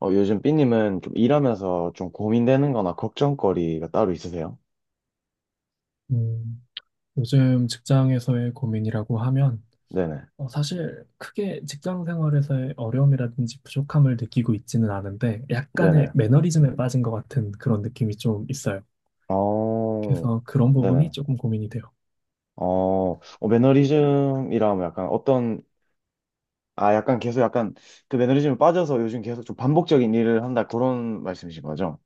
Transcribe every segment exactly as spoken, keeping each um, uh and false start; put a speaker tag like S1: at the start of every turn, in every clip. S1: 어, 요즘 삐님은 좀 일하면서 좀 고민되는 거나 걱정거리가 따로 있으세요?
S2: 음, 요즘 직장에서의 고민이라고 하면
S1: 네네.
S2: 어, 사실 크게 직장 생활에서의 어려움이라든지 부족함을 느끼고 있지는 않은데 약간의
S1: 네네.
S2: 매너리즘에 빠진 것 같은 그런 느낌이 좀 있어요.
S1: 어,
S2: 그래서 그런 부분이
S1: 네네.
S2: 조금 고민이 돼요.
S1: 어, 어, 매너리즘이라면 약간 어떤, 아, 약간 계속 약간 그 매너리즘에 빠져서 요즘 계속 좀 반복적인 일을 한다 그런 말씀이신 거죠?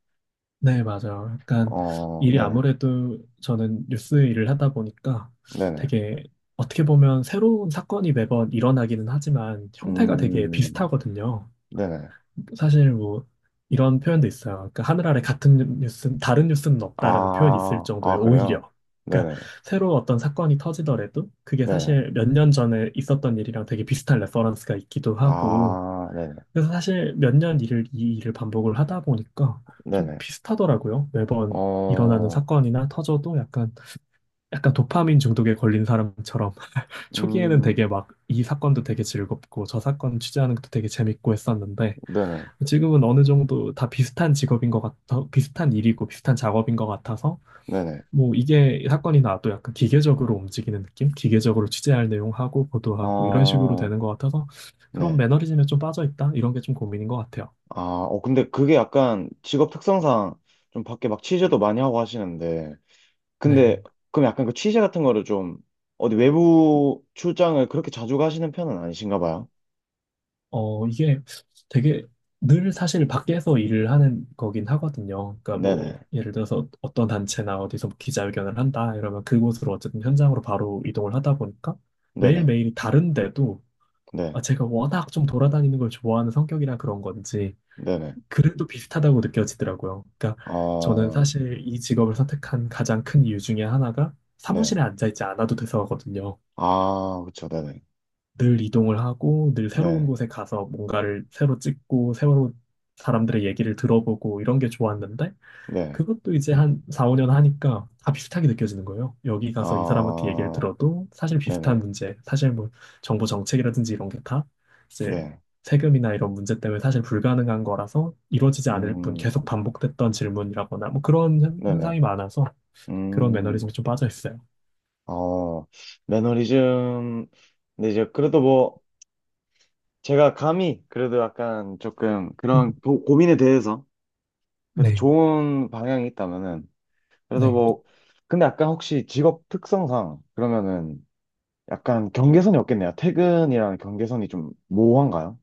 S2: 네, 맞아요. 약간
S1: 어,
S2: 일이
S1: 네네.
S2: 아무래도 저는 뉴스 일을 하다 보니까
S1: 네네.
S2: 되게 어떻게 보면 새로운 사건이 매번 일어나기는 하지만 형태가 되게
S1: 음,
S2: 비슷하거든요.
S1: 네네.
S2: 사실 뭐 이런 표현도 있어요. 그러니까 하늘 아래 같은 뉴스, 다른 뉴스는 없다라는 표현이 있을
S1: 아, 아,
S2: 정도예요.
S1: 그래요?
S2: 오히려. 그러니까
S1: 네네.
S2: 새로 어떤 사건이 터지더라도 그게
S1: 네네.
S2: 사실 몇 년 전에 있었던 일이랑 되게 비슷한 레퍼런스가 있기도 하고.
S1: 아, 네네.
S2: 그래서 사실 몇 년 일을 이 일을 반복을 하다 보니까 좀
S1: 네네.
S2: 비슷하더라고요. 매번 일어나는
S1: 어,
S2: 사건이나 터져도 약간 약간 도파민 중독에 걸린 사람처럼 초기에는
S1: 음,
S2: 되게 막 이 사건도 되게 즐겁고 저 사건 취재하는 것도 되게 재밌고 했었는데
S1: 네네.
S2: 지금은 어느 정도 다 비슷한 직업인 것 같아, 비슷한 일이고 비슷한 작업인 것 같아서,
S1: 네네.
S2: 뭐 이게 사건이 나도 약간 기계적으로 움직이는 느낌? 기계적으로 취재할 내용하고 보도하고 이런 식으로
S1: 어,
S2: 되는 것 같아서 그런
S1: 네.
S2: 매너리즘에 좀 빠져 있다? 이런 게 좀 고민인 것 같아요.
S1: 아, 어, 근데 그게 약간 직업 특성상 좀 밖에 막 취재도 많이 하고 하시는데.
S2: 네.
S1: 근데 그럼 약간 그 취재 같은 거를 좀 어디 외부 출장을 그렇게 자주 가시는 편은 아니신가 봐요?
S2: 어, 이게 되게 늘 사실 밖에서 일을 하는 거긴 하거든요. 그러니까 뭐
S1: 네네.
S2: 예를 들어서 어떤 단체나 어디서 뭐 기자회견을 한다 이러면 그곳으로 어쨌든 현장으로 바로 이동을 하다 보니까
S1: 네네.
S2: 매일매일이 다른데도
S1: 네.
S2: 아, 제가 워낙 좀 돌아다니는 걸 좋아하는 성격이라 그런 건지
S1: 네네.
S2: 그래도 비슷하다고 느껴지더라고요. 그러니까 저는
S1: 어,
S2: 사실 이 직업을 선택한 가장 큰 이유 중에 하나가 사무실에
S1: 네.
S2: 앉아있지 않아도 돼서거든요.
S1: 아, 그쵸. 네네.
S2: 늘 이동을 하고 늘 새로운
S1: 네.
S2: 곳에 가서 뭔가를 새로 찍고 새로 사람들의 얘기를 들어보고 이런 게 좋았는데
S1: 네.
S2: 그것도 이제 한 사, 오 년 하니까 다 비슷하게 느껴지는 거예요. 여기 가서 이 사람한테 얘기를
S1: 아,
S2: 들어도 사실
S1: 네네.
S2: 비슷한 문제, 사실 뭐 정부 정책이라든지 이런 게 다 이제
S1: 네.
S2: 세금이나 이런 문제 때문에 사실 불가능한 거라서 이루어지지 않을 뿐
S1: 음,
S2: 계속 반복됐던 질문이라거나 뭐 그런 현-
S1: 네네.
S2: 현상이 많아서 그런
S1: 음,
S2: 매너리즘이 좀 빠져 있어요.
S1: 어, 매너리즘. 근데 이제 그래도 뭐, 제가 감히 그래도 약간 조금 그런 고, 고민에 대해서 그래도
S2: 네,
S1: 좋은 방향이 있다면은 그래도
S2: 네,
S1: 뭐 근데 약간 혹시 직업 특성상 그러면은 약간 경계선이 없겠네요. 퇴근이랑 경계선이 좀 모호한가요?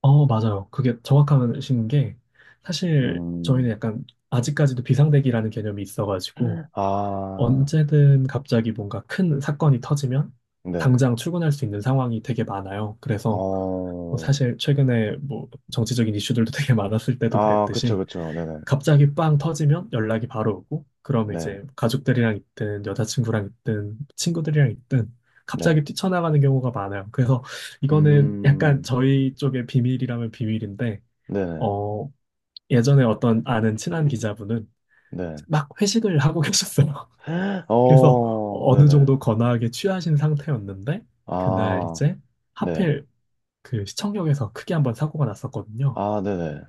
S2: 어, 맞아요. 그게 정확하신 게 사실 저희는
S1: 음.
S2: 약간 아직까지도 비상대기라는 개념이 있어가지고
S1: 아,
S2: 언제든 갑자기 뭔가 큰 사건이 터지면
S1: 네.
S2: 당장 출근할 수 있는 상황이 되게 많아요. 그래서 뭐
S1: 어.
S2: 사실 최근에 뭐 정치적인 이슈들도 되게 많았을 때도
S1: 아, 그쵸,
S2: 그랬듯이
S1: 그쵸. 네네.
S2: 갑자기 빵 터지면 연락이 바로 오고 그럼
S1: 네.
S2: 이제 가족들이랑 있든 여자친구랑 있든 친구들이랑 있든
S1: 네.
S2: 갑자기 뛰쳐나가는 경우가 많아요. 그래서 이거는 약간
S1: 음.
S2: 저희 쪽의 비밀이라면 비밀인데
S1: 네네.
S2: 어 예전에 어떤 아는 친한 기자분은
S1: 네.
S2: 막 회식을 하고 계셨어요. 그래서
S1: 어.
S2: 어느
S1: 네네.
S2: 정도 거나하게 취하신 상태였는데 그날
S1: 아.
S2: 이제
S1: 네.
S2: 하필 그 시청역에서 크게 한번 사고가 났었거든요.
S1: 아, 네네.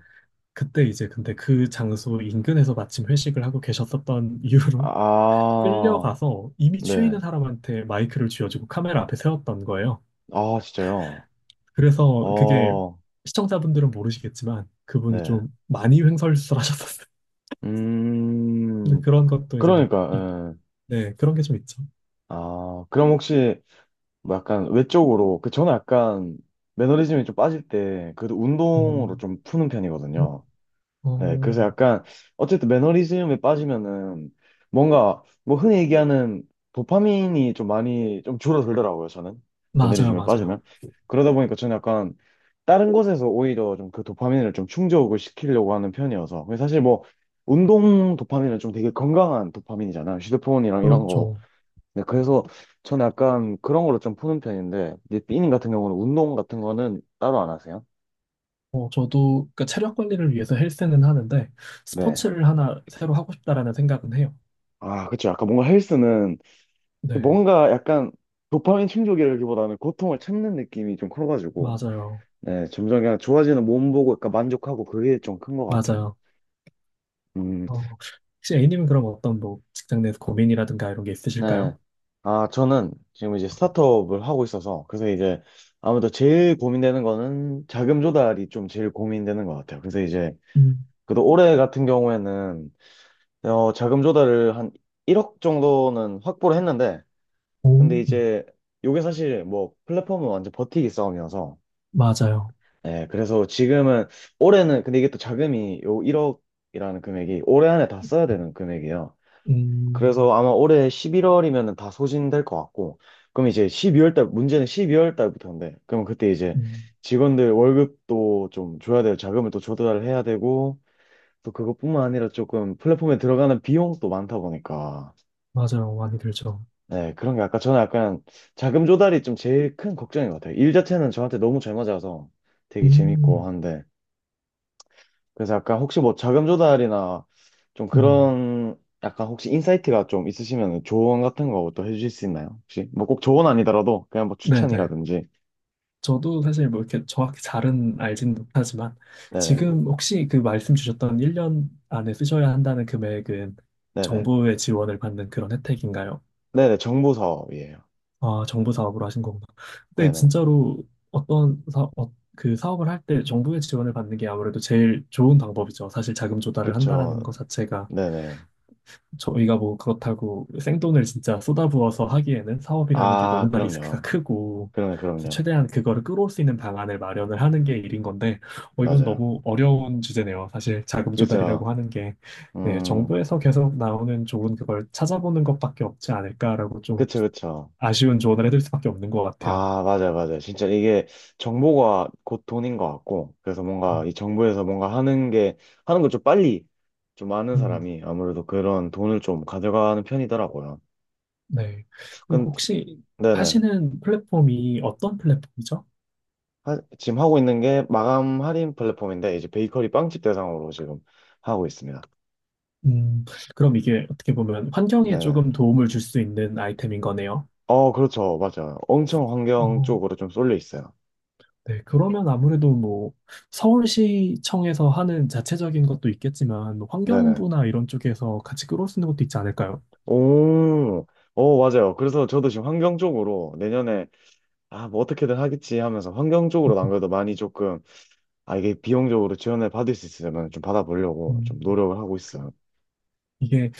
S2: 그때 이제 근데 그 장소 인근에서 마침 회식을 하고 계셨었던 이유로
S1: 아.
S2: 끌려가서 이미 취해
S1: 네.
S2: 있는 사람한테 마이크를 쥐어주고 카메라 앞에 세웠던 거예요.
S1: 아, 진짜요?
S2: 그래서 그게
S1: 어,
S2: 시청자분들은 모르시겠지만 그분이
S1: 네.
S2: 좀 많이 횡설수설하셨었어요. 근데
S1: 음,
S2: 그런 것도 이제 뭐 이-
S1: 그러니까, 예.
S2: 네, 그런 게 좀 있죠.
S1: 아, 그럼 혹시, 뭐 약간, 외적으로, 그, 저는 약간, 매너리즘이 좀 빠질 때, 그래도 운동으로
S2: 음,
S1: 좀 푸는
S2: 어,
S1: 편이거든요. 네, 그래서
S2: 어,
S1: 약간 어쨌든 매너리즘에 빠지면은 뭔가 뭐 흔히 얘기하는 도파민이 좀 많이 좀 줄어들더라고요, 저는.
S2: 맞아요,
S1: 매너리즘에
S2: 맞아요.
S1: 빠지면. 그러다 보니까 저는 약간 다른 곳에서 오히려 좀 그 도파민을 좀 충족을 시키려고 하는 편이어서. 근데 사실 뭐 운동 도파민은 좀 되게 건강한 도파민이잖아요. 휴대폰이랑 이런 거.
S2: 그렇죠.
S1: 네, 그래서 저는 약간 그런 걸로 좀 푸는 편인데, 이제 삐님 같은 경우는 운동 같은 거는 따로 안 하세요?
S2: 어, 저도 그 체력 관리를 위해서 헬스는 하는데
S1: 네.
S2: 스포츠를 하나 새로 하고 싶다라는 생각은 해요.
S1: 아, 그쵸. 약간 뭔가 헬스는
S2: 네,
S1: 뭔가 약간 도파민 충족이라기보다는 고통을 참는 느낌이 좀 커가지고,
S2: 맞아요.
S1: 네, 점점 그냥 좋아지는 몸 보고 약간 만족하고 그게 좀 큰 것 같아요.
S2: 맞아요.
S1: 음,
S2: 어, 혹시 A님은 그럼 어떤 뭐 직장 내에서 고민이라든가 이런 게
S1: 네.
S2: 있으실까요?
S1: 아, 저는 지금 이제 스타트업을 하고 있어서, 그래서 이제 아무래도 제일 고민되는 거는 자금 조달이 좀 제일 고민되는 것 같아요. 그래서 이제,
S2: 음,
S1: 그래도 올해 같은 경우에는, 어, 자금 조달을 한 일억 정도는 확보를 했는데, 근데
S2: 오,
S1: 이제, 요게 사실 뭐 플랫폼은 완전 버티기 싸움이어서,
S2: 맞아요.
S1: 네, 그래서 지금은 올해는 근데 이게 또 자금이 요 일억이라는 금액이 올해 안에 다 써야 되는 금액이에요.
S2: 음,
S1: 그래서 아마 올해 십일 월이면 다 소진될 것 같고, 그럼 이제 십이 월 달 문제는 십이 월 달부터인데, 그럼 그때 이제
S2: 음,
S1: 직원들 월급도 좀 줘야 될 자금을 또 조달을 해야 되고, 또 그것뿐만 아니라 조금 플랫폼에 들어가는 비용도 많다 보니까,
S2: 맞아요. 많이 들죠.
S1: 네, 그런 게 아까 저는 약간 자금 조달이 좀 제일 큰 걱정인 것 같아요. 일 자체는 저한테 너무 잘 맞아서 되게 재밌고
S2: 음,
S1: 한데. 그래서 약간 혹시 뭐 자금 조달이나 좀
S2: 음,
S1: 그런 약간 혹시 인사이트가 좀 있으시면 조언 같은 거 또 해주실 수 있나요? 혹시 뭐 꼭 조언 아니더라도 그냥 뭐
S2: 네네.
S1: 추천이라든지
S2: 저도 사실 뭐 이렇게 정확히 잘은 알진 못하지만
S1: 네네.
S2: 지금 혹시 그 말씀 주셨던 일 년 안에 쓰셔야 한다는 금액은
S1: 네네.
S2: 정부의 지원을 받는 그런 혜택인가요?
S1: 네네. 정보 사업이에요.
S2: 아, 정부 사업으로 하신 거구나. 근데
S1: 네네.
S2: 진짜로 어떤 사, 어, 그 사업을 할 때 정부의 지원을 받는 게 아무래도 제일 좋은 방법이죠. 사실 자금 조달을
S1: 그쵸.
S2: 한다라는 것 자체가
S1: 네네.
S2: 저희가 뭐 그렇다고 생돈을 진짜 쏟아부어서 하기에는 사업이라는 게
S1: 아
S2: 너무나 리스크가
S1: 그럼요.
S2: 크고
S1: 그럼요
S2: 그래서
S1: 그럼요.
S2: 최대한 그거를 끌어올 수 있는 방안을 마련을 하는 게 일인 건데 어, 이건
S1: 맞아요.
S2: 너무 어려운 주제네요. 사실 자금
S1: 그쵸.
S2: 조달이라고 하는 게 네,
S1: 음.
S2: 정부에서 계속 나오는 좋은 그걸 찾아보는 것밖에 없지 않을까라고 좀
S1: 그쵸 그쵸.
S2: 아쉬운 조언을 해드릴 수밖에 없는 것 같아요.
S1: 아, 맞아요, 맞아요. 진짜 이게 정보가 곧 돈인 것 같고, 그래서
S2: 음,
S1: 뭔가 이 정부에서 뭔가 하는 게, 하는 걸 좀 빨리 좀 아는
S2: 음,
S1: 사람이 아무래도 그런 돈을 좀 가져가는 편이더라고요.
S2: 네. 그리고
S1: 근데,
S2: 혹시
S1: 네네.
S2: 하시는 플랫폼이 어떤 플랫폼이죠?
S1: 하- 지금 하고 있는 게 마감 할인 플랫폼인데, 이제 베이커리 빵집 대상으로 지금 하고 있습니다.
S2: 음, 그럼 이게 어떻게 보면 환경에
S1: 네네.
S2: 조금 도움을 줄 수 있는 아이템인 거네요.
S1: 어, 그렇죠. 맞아요. 엄청 환경
S2: 어,
S1: 쪽으로 좀 쏠려 있어요.
S2: 네. 그러면 아무래도 뭐 서울시청에서 하는 자체적인 것도 있겠지만 뭐
S1: 네네.
S2: 환경부나 이런 쪽에서 같이 끌어올 수 있는 것도 있지 않을까요?
S1: 오, 오 맞아요. 그래서 저도 지금 환경 쪽으로 내년에 아, 뭐 어떻게든 하겠지 하면서 환경적으로 안 그래도 많이 조금, 아, 이게 비용적으로 지원을 받을 수 있으면 좀 받아보려고
S2: 음.
S1: 좀 노력을 하고 있어요.
S2: 이게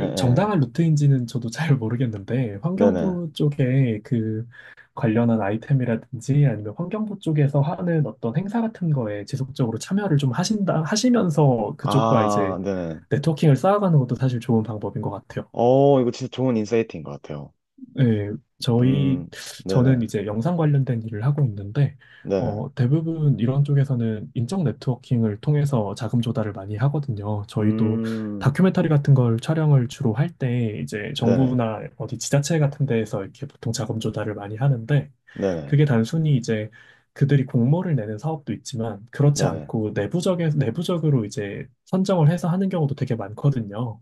S1: 예, 예.
S2: 정당한 루트인지는 저도 잘 모르겠는데,
S1: 네네.
S2: 환경부 쪽에 그 관련한 아이템이라든지 아니면 환경부 쪽에서 하는 어떤 행사 같은 거에 지속적으로 참여를 좀 하신다, 하시면서 그쪽과
S1: 아,
S2: 이제
S1: 네네.
S2: 네트워킹을 쌓아가는 것도 사실 좋은 방법인 것 같아요.
S1: 어, 이거 진짜 좋은 인사이트인 것 같아요.
S2: 네, 저희,
S1: 음, 네네.
S2: 저는 이제 영상 관련된 일을 하고 있는데,
S1: 네네.
S2: 어, 대부분 이런 쪽에서는 인적 네트워킹을 통해서 자금 조달을 많이 하거든요. 저희도
S1: 음,
S2: 다큐멘터리 같은 걸 촬영을 주로 할 때, 이제
S1: 네네.
S2: 정부나 어디 지자체 같은 데에서 이렇게 보통 자금 조달을 많이 하는데,
S1: 네네.
S2: 그게 단순히 이제 그들이 공모를 내는 사업도 있지만, 그렇지
S1: 네네.
S2: 않고 내부적에, 내부적으로 이제 선정을 해서 하는 경우도 되게 많거든요.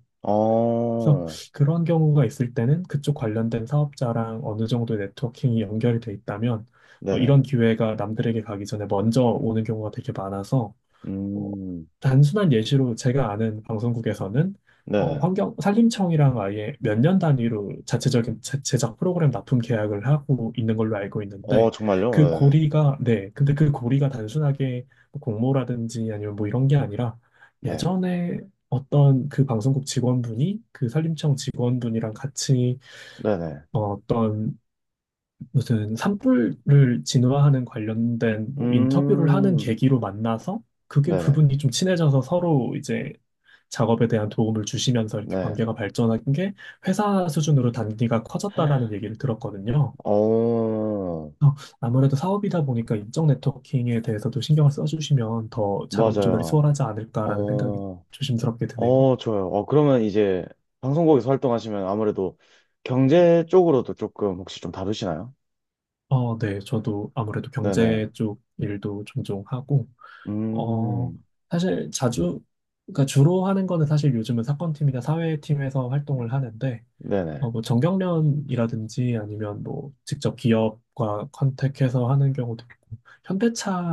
S2: 그래서
S1: 어,
S2: 그런 경우가 있을 때는 그쪽 관련된 사업자랑 어느 정도 네트워킹이 연결이 돼 있다면 어,
S1: 네네.
S2: 이런 기회가 남들에게 가기 전에 먼저 오는 경우가 되게 많아서 어,
S1: 음,
S2: 단순한 예시로 제가 아는 방송국에서는 어,
S1: 네네.
S2: 환경 산림청이랑 아예 몇 년 단위로 자체적인 제- 제작 프로그램 납품 계약을 하고 있는 걸로 알고
S1: 어,
S2: 있는데
S1: 정말요?
S2: 그
S1: 네네.
S2: 고리가, 네, 근데 그 고리가 단순하게 뭐 공모라든지 아니면 뭐 이런 게 아니라
S1: 네.
S2: 예전에 어떤 그 방송국 직원분이 그 산림청 직원분이랑 같이
S1: 네네.
S2: 어, 어떤 무슨 산불을 진화하는 관련된 뭐 인터뷰를 하는
S1: 음,
S2: 계기로 만나서 그게
S1: 네네.
S2: 부분이 좀 친해져서 서로 이제 작업에 대한 도움을 주시면서 이렇게
S1: 네.
S2: 관계가 발전한 게 회사 수준으로 단계가 커졌다라는 얘기를 들었거든요.
S1: 어,
S2: 어, 아무래도 사업이다 보니까 인적 네트워킹에 대해서도 신경을 써주시면 더 작업 조달이
S1: 맞아요.
S2: 수월하지 않을까라는 생각이
S1: 어,
S2: 조심스럽게 드네요.
S1: 어, 좋아요. 어, 그러면 이제 방송국에서 활동하시면 아무래도 경제 쪽으로도 조금 혹시 좀 다루시나요?
S2: 어, 네, 저도 아무래도
S1: 네네.
S2: 경제 쪽 일도 종종 하고 어,
S1: 음,
S2: 사실 자주, 그러니까 주로 하는 거는 사실 요즘은 사건팀이나 사회팀에서 활동을 하는데,
S1: 네네.
S2: 어, 뭐 정경련이라든지 아니면 뭐 직접 기업과 컨택해서 하는 경우도 있고,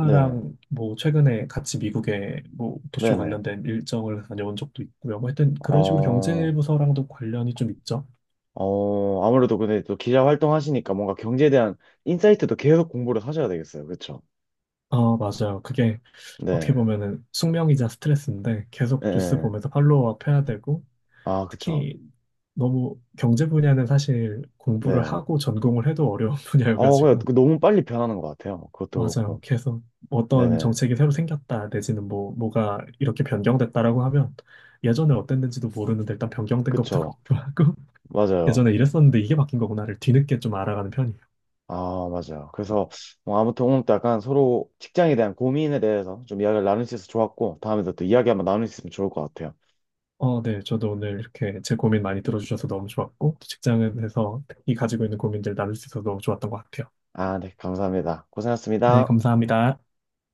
S1: 네,
S2: 뭐 최근에 같이 미국에 뭐 도쇼
S1: 네네.
S2: 관련된 일정을 다녀온 적도 있고요. 뭐 하여튼 그런 식으로
S1: 어,
S2: 경제부서랑도 관련이 좀 있죠.
S1: 어, 아무래도 근데 또 기자 활동하시니까 뭔가 경제에 대한 인사이트도 계속 공부를 하셔야 되겠어요. 그쵸?
S2: 어, 맞아요. 그게 어떻게
S1: 네.
S2: 보면은 숙명이자 스트레스인데 계속
S1: 네.
S2: 뉴스
S1: 네.
S2: 보면서 팔로우업 해야 되고,
S1: 아, 그쵸.
S2: 특히 너무 경제 분야는 사실 공부를
S1: 네.
S2: 하고 전공을 해도 어려운
S1: 어, 그냥
S2: 분야여가지고
S1: 너무 빨리 변하는 것 같아요. 그것도
S2: 맞아요.
S1: 그렇고.
S2: 계속 어떤
S1: 네네.
S2: 정책이 새로 생겼다 내지는 뭐 뭐가 이렇게 변경됐다라고 하면 예전에 어땠는지도 모르는데 일단 변경된 것부터
S1: 그쵸.
S2: 공부하고
S1: 맞아요.
S2: 예전에 이랬었는데 이게 바뀐 거구나를 뒤늦게 좀 알아가는 편이에요.
S1: 아, 맞아요. 그래서 뭐 아무튼 오늘 또 약간 서로 직장에 대한 고민에 대해서 좀 이야기를 나눌 수 있어서 좋았고, 다음에도 또 이야기 한번 나눌 수 있으면 좋을 것 같아요.
S2: 어, 네. 저도 오늘 이렇게 제 고민 많이 들어주셔서 너무 좋았고 또 직장에서 특히 가지고 있는 고민들 나눌 수 있어서 너무 좋았던 것 같아요.
S1: 아, 네, 감사합니다.
S2: 네,
S1: 고생하셨습니다.
S2: 감사합니다.